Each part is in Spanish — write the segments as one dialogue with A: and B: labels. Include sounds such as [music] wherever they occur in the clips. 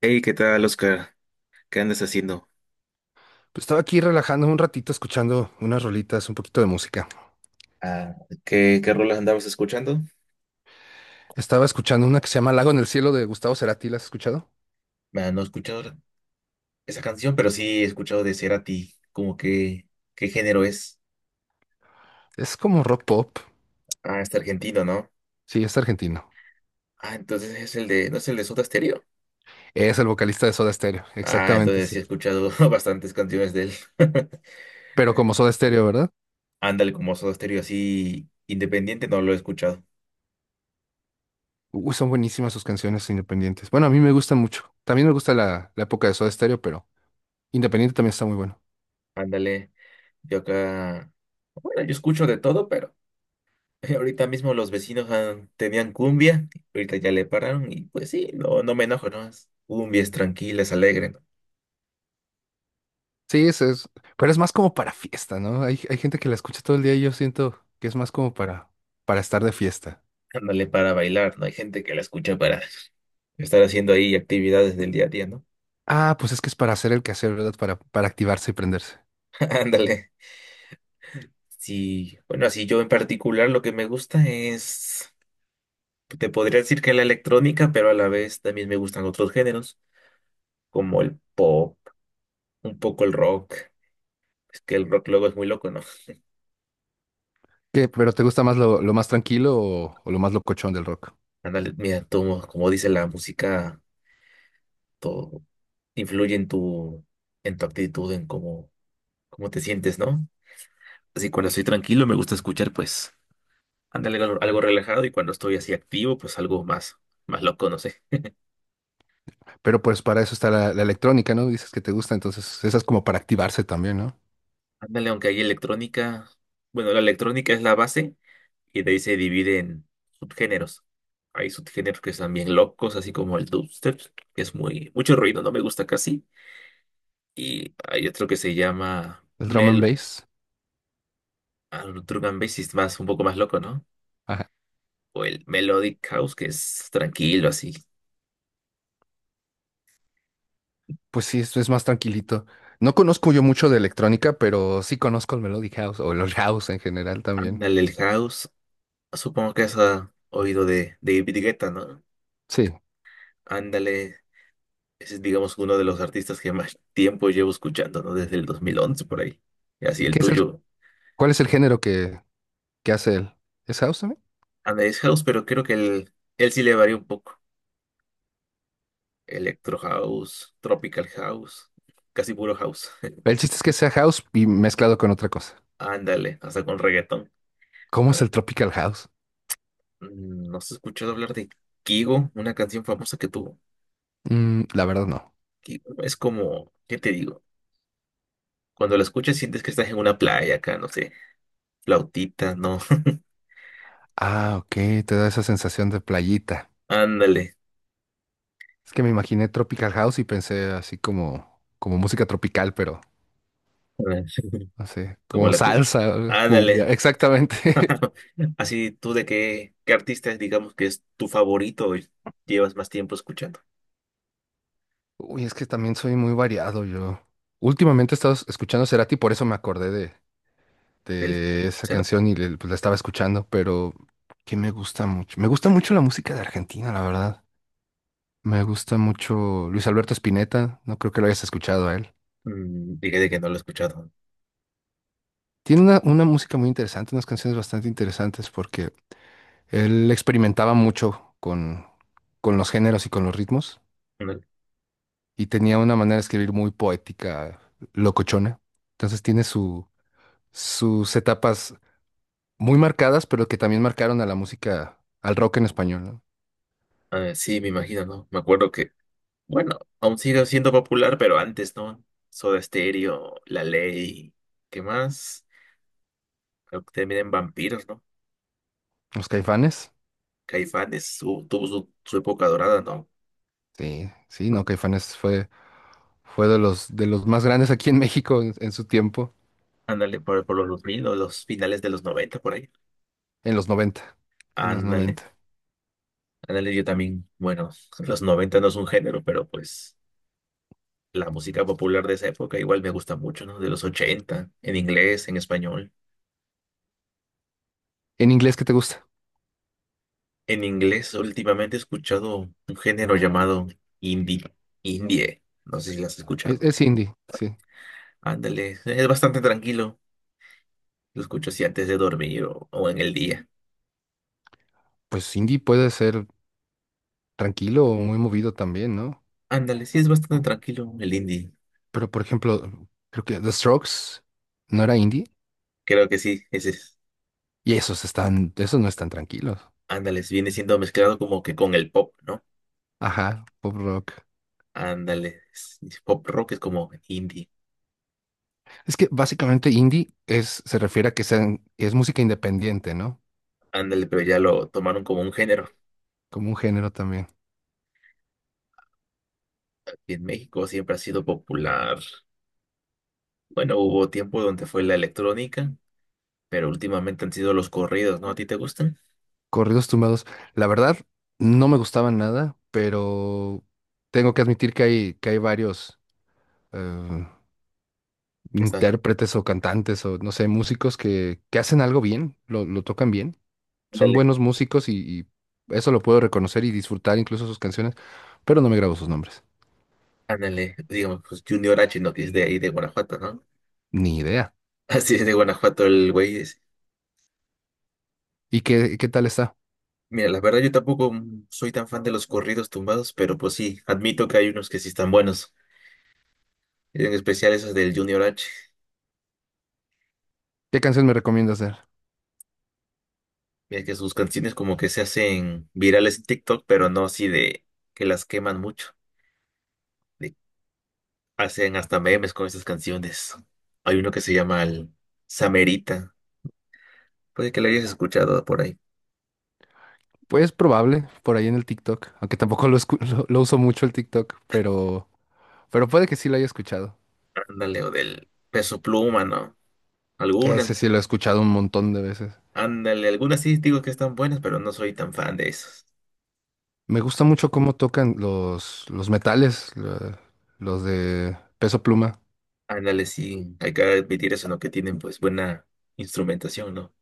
A: Hey, ¿qué tal, Oscar? ¿Qué andas haciendo?
B: Pues estaba aquí relajándome un ratito escuchando unas rolitas, un poquito de música.
A: Ah, ¿qué rolas andabas escuchando?
B: Estaba escuchando una que se llama Lago en el Cielo de Gustavo Cerati, ¿la has escuchado?
A: Ah, no he escuchado esa canción, pero sí he escuchado de Cerati. Como que, ¿qué género es?
B: Es como rock pop.
A: Ah, está argentino, ¿no?
B: Sí, es argentino.
A: Ah, entonces es el de, ¿no es el de Soda Stereo?
B: Es el vocalista de Soda Stereo,
A: Ah,
B: exactamente,
A: entonces
B: sí.
A: sí he escuchado [laughs] bastantes canciones de él.
B: Pero como Soda Stereo, ¿verdad?
A: [laughs] Ándale, como Soda Stereo, así independiente no lo he escuchado.
B: Uy, son buenísimas sus canciones independientes. Bueno, a mí me gustan mucho. También me gusta la época de Soda Stereo, pero independiente también está muy bueno.
A: Ándale, yo acá, bueno, yo escucho de todo, pero [laughs] ahorita mismo los vecinos tenían cumbia, ahorita ya le pararon y pues sí, no, no me enojo, ¿no? Es cumbia, es alegre, ¿no?
B: Sí, es, pero es más como para fiesta, ¿no? Hay gente que la escucha todo el día y yo siento que es más como para estar de fiesta.
A: Ándale, para bailar, ¿no? Hay gente que la escucha para estar haciendo ahí actividades del día a día, ¿no?
B: Ah, pues es que es para hacer el quehacer, ¿verdad? Para activarse y prenderse.
A: [laughs] Ándale. Sí, bueno, así yo en particular lo que me gusta es, te podría decir que la electrónica, pero a la vez también me gustan otros géneros, como el pop, un poco el rock. Es que el rock luego es muy loco, ¿no?
B: ¿Qué? ¿Pero te gusta más lo más tranquilo o lo más locochón del rock?
A: Ándale, mira, como, dice la música, todo influye en tu, actitud, en cómo, te sientes, ¿no? Así cuando estoy tranquilo me gusta escuchar, pues, ándale algo, relajado, y cuando estoy así activo, pues algo más, loco, no sé.
B: Pero pues para eso está la electrónica, ¿no? Dices que te gusta, entonces esa es como para activarse también, ¿no?
A: Ándale, aunque hay electrónica, bueno, la electrónica es la base y de ahí se divide en subgéneros. Hay subgéneros que están bien locos, así como el dubstep, que es mucho ruido, no me gusta casi. Y hay otro que se llama
B: El drum and bass.
A: Drum and bass, y un poco más loco, ¿no?
B: Ajá.
A: O el Melodic House, que es tranquilo, así.
B: Pues sí, esto es más tranquilito. No conozco yo mucho de electrónica, pero sí conozco el Melodic House o el House en general también.
A: Ándale, el House. Supongo que has oído de David Guetta, ¿no?
B: Sí.
A: Ándale. Ese es, digamos, uno de los artistas que más tiempo llevo escuchando, ¿no? Desde el 2011 por ahí. Y así el
B: ¿Qué es
A: tuyo.
B: cuál es el género que hace él? ¿Es House también?
A: Ándale, es House, pero creo que él sí le varía un poco. Electro House, Tropical House, casi puro House. [laughs]
B: El chiste es que sea House y mezclado con otra cosa.
A: Ándale, hasta con reggaetón.
B: ¿Cómo es
A: Ah,
B: el Tropical House?
A: ¿no has escuchado hablar de Kigo? Una canción famosa que tuvo.
B: Mm, la verdad no.
A: Kigo es como, ¿qué te digo? Cuando lo escuchas sientes que estás en una playa acá, no sé, flautita, no. [laughs]
B: Ah, ok, te da esa sensación de playita.
A: Ándale.
B: Es que me imaginé Tropical House y pensé así como, como música tropical, pero
A: [laughs]
B: no sé,
A: Como
B: como
A: la cu.
B: salsa, [laughs] algo así, cumbia,
A: Ándale.
B: exactamente.
A: [laughs] Así, ¿tú de qué, artista, digamos, que es tu favorito y llevas más tiempo escuchando?
B: [laughs] Uy, es que también soy muy variado yo. Últimamente he estado escuchando Cerati, por eso me acordé
A: Él,
B: de esa
A: será,
B: canción y pues, la estaba escuchando, pero que me gusta mucho. Me gusta mucho la música de Argentina, la verdad. Me gusta mucho Luis Alberto Spinetta, no creo que lo hayas escuchado a él.
A: dije de que no lo he escuchado.
B: Tiene una música muy interesante, unas canciones bastante interesantes porque él experimentaba mucho con los géneros y con los ritmos
A: Ándale.
B: y tenía una manera de escribir muy poética, locochona. Entonces tiene su, sus etapas muy marcadas, pero que también marcaron a la música, al rock en español, ¿no?
A: Ah, sí, me imagino, ¿no? Me acuerdo que, bueno, aún sigue siendo popular, pero antes, ¿no? Soda Stereo, La Ley, ¿qué más? Creo que también en Vampiros, ¿no?
B: Los Caifanes,
A: Caifanes tuvo su época dorada, ¿no?
B: sí, sí, no, Caifanes fue, fue de de los más grandes aquí en México en su tiempo,
A: Ándale, por los 2000 o los finales de los 90 por ahí.
B: en los 90 en los
A: Ándale,
B: noventa.
A: ándale, yo también, bueno, los 90 no es un género, pero pues la música popular de esa época igual me gusta mucho, ¿no? De los 80 en inglés, en español.
B: ¿En inglés qué te gusta?
A: En inglés últimamente he escuchado un género llamado indie, indie, no sé si lo has escuchado.
B: Es indie, sí.
A: Ándale, es bastante tranquilo, lo escucho así antes de dormir o en el día.
B: Pues indie puede ser tranquilo o muy movido también, ¿no?
A: Ándale, sí es bastante tranquilo el indie,
B: Pero por ejemplo, creo que The Strokes no era indie
A: creo que sí, ese es.
B: y esos están, esos no están tranquilos.
A: Ándales, viene siendo mezclado como que con el pop, ¿no?
B: Ajá, pop rock.
A: Ándale, es pop rock, es como indie.
B: Es que básicamente indie es, se refiere a que sean, es música independiente, ¿no?
A: Ándale, pero ya lo tomaron como un género.
B: Como un género también.
A: Aquí en México siempre ha sido popular. Bueno, hubo tiempo donde fue la electrónica, pero últimamente han sido los corridos, ¿no? ¿A ti te gustan?
B: Corridos tumbados. La verdad, no me gustaban nada, pero tengo que admitir que hay varios eh,
A: Esa,
B: intérpretes o cantantes o no sé, músicos que hacen algo bien, lo tocan bien, son
A: ándale,
B: buenos músicos y eso lo puedo reconocer y disfrutar incluso sus canciones, pero no me grabo sus nombres.
A: ándale, digamos, pues Junior H, ¿no? Que es de ahí, de Guanajuato, ¿no?
B: Ni idea.
A: [laughs] Así es, de Guanajuato el güey es.
B: ¿Y qué, qué tal está?
A: Mira, la verdad yo tampoco soy tan fan de los corridos tumbados, pero pues sí, admito que hay unos que sí están buenos, en especial esos del Junior H.
B: ¿Qué canción me recomiendas hacer?
A: Ya que sus canciones como que se hacen virales en TikTok, pero no así de que las queman mucho. De- Hacen hasta memes con esas canciones. Hay uno que se llama el Samerita. Puede que lo hayas escuchado por ahí.
B: Pues probable, por ahí en el TikTok, aunque tampoco lo, [laughs] lo uso mucho el TikTok, pero puede que sí lo haya escuchado.
A: Ándale, o del Peso Pluma, ¿no? Algunas.
B: Ese sí lo he escuchado un montón de veces.
A: Ándale, algunas sí digo que están buenas, pero no soy tan fan de esas.
B: Me gusta mucho cómo tocan los metales, los de Peso Pluma.
A: Ándale, sí, hay que admitir eso, ¿no? Que tienen pues buena instrumentación, ¿no?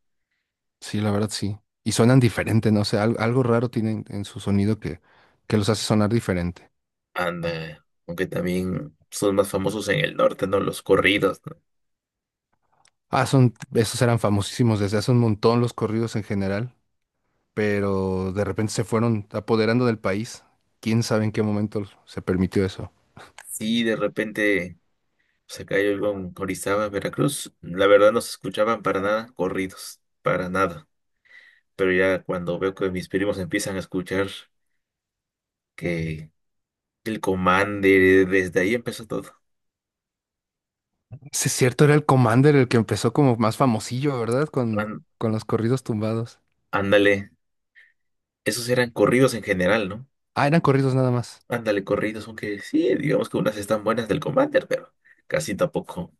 B: Sí, la verdad sí. Y suenan diferente, no sé, algo, raro tienen en su sonido que los hace sonar diferente.
A: Ándale, aunque también son más famosos en el norte, ¿no? Los corridos, ¿no?
B: Ah, son, esos eran famosísimos desde hace un montón los corridos en general, pero de repente se fueron apoderando del país. ¿Quién sabe en qué momento se permitió eso?
A: Sí, de repente se cayó con Orizaba, Veracruz. La verdad no se escuchaban para nada corridos, para nada. Pero ya cuando veo que mis primos empiezan a escuchar que el Commander, desde ahí empezó todo.
B: Sí, es cierto, era el Commander el que empezó como más famosillo, ¿verdad?
A: Án-
B: Con los corridos tumbados.
A: Ándale, esos eran corridos en general, ¿no?
B: Ah, eran corridos nada más.
A: Ándale, corridos, aunque sí, digamos que unas están buenas del Commander, pero casi tampoco.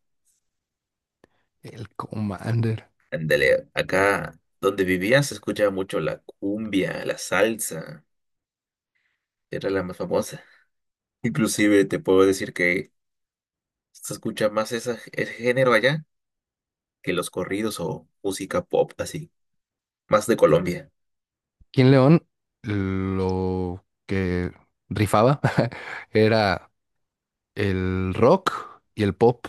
B: El Commander.
A: Ándale, acá donde vivía se escuchaba mucho la cumbia, la salsa, era la más famosa. Inclusive te puedo decir que se escucha más ese género allá que los corridos o música pop, así, más de Colombia.
B: Aquí en León, lo que rifaba [laughs] era el rock y el pop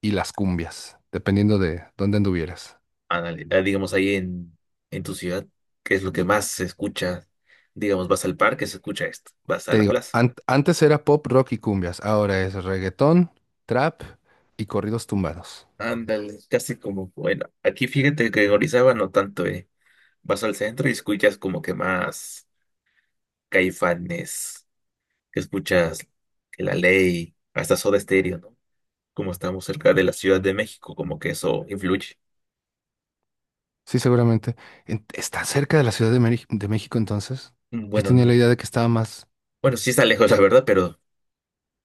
B: y las cumbias, dependiendo de dónde anduvieras.
A: Ándale, digamos ahí en, tu ciudad, ¿qué es lo que más se escucha? Digamos, vas al parque, se escucha esto, vas a
B: Te
A: la
B: digo,
A: plaza.
B: antes era pop, rock y cumbias, ahora es reggaetón, trap y corridos tumbados.
A: Ándale, casi como, bueno, aquí fíjate que en Orizaba no tanto, eh. Vas al centro y escuchas como que más Caifanes, que escuchas que La Ley, hasta Soda Stereo, ¿no? Como estamos cerca de la Ciudad de México, como que eso influye.
B: Sí, seguramente. ¿Está cerca de la Ciudad de, de México entonces? Yo tenía la
A: Bueno,
B: idea de que estaba más...
A: bueno, sí está lejos, la verdad, pero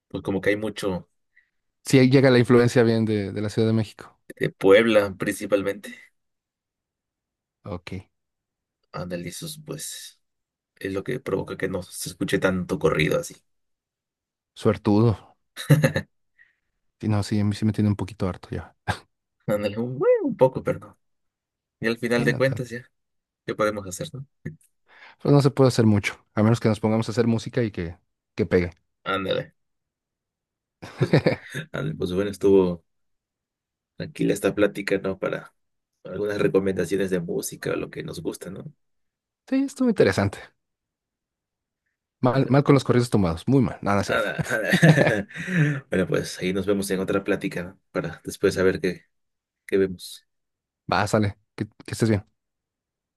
A: pues como que hay mucho
B: Sí, ahí llega la influencia bien de la Ciudad de México.
A: de Puebla principalmente.
B: Ok.
A: Ándale, eso es, pues es lo que provoca que no se escuche tanto corrido así.
B: Suertudo.
A: [laughs]
B: Sí, no, sí, a mí sí me tiene un poquito harto ya.
A: Ándale, un, bueno, un poco, pero no. Y al final
B: Sí,
A: de
B: no tan-
A: cuentas ya, ¿qué podemos hacer, no?
B: Pero no se puede hacer mucho, a menos que nos pongamos a hacer música y que pegue.
A: Ándale. Pues,
B: [laughs]
A: ándale, pues bueno, estuvo tranquila esta plática, ¿no? Para algunas recomendaciones de música, lo que nos gusta, ¿no?
B: Sí, estuvo interesante. Mal,
A: Ándale,
B: mal con los corridos tumbados, muy mal, nada, es cierto.
A: ándale, ándale.
B: [laughs]
A: [laughs] Bueno, pues ahí nos vemos en otra plática, ¿no? Para después saber qué, vemos.
B: Va, sale, que estés bien.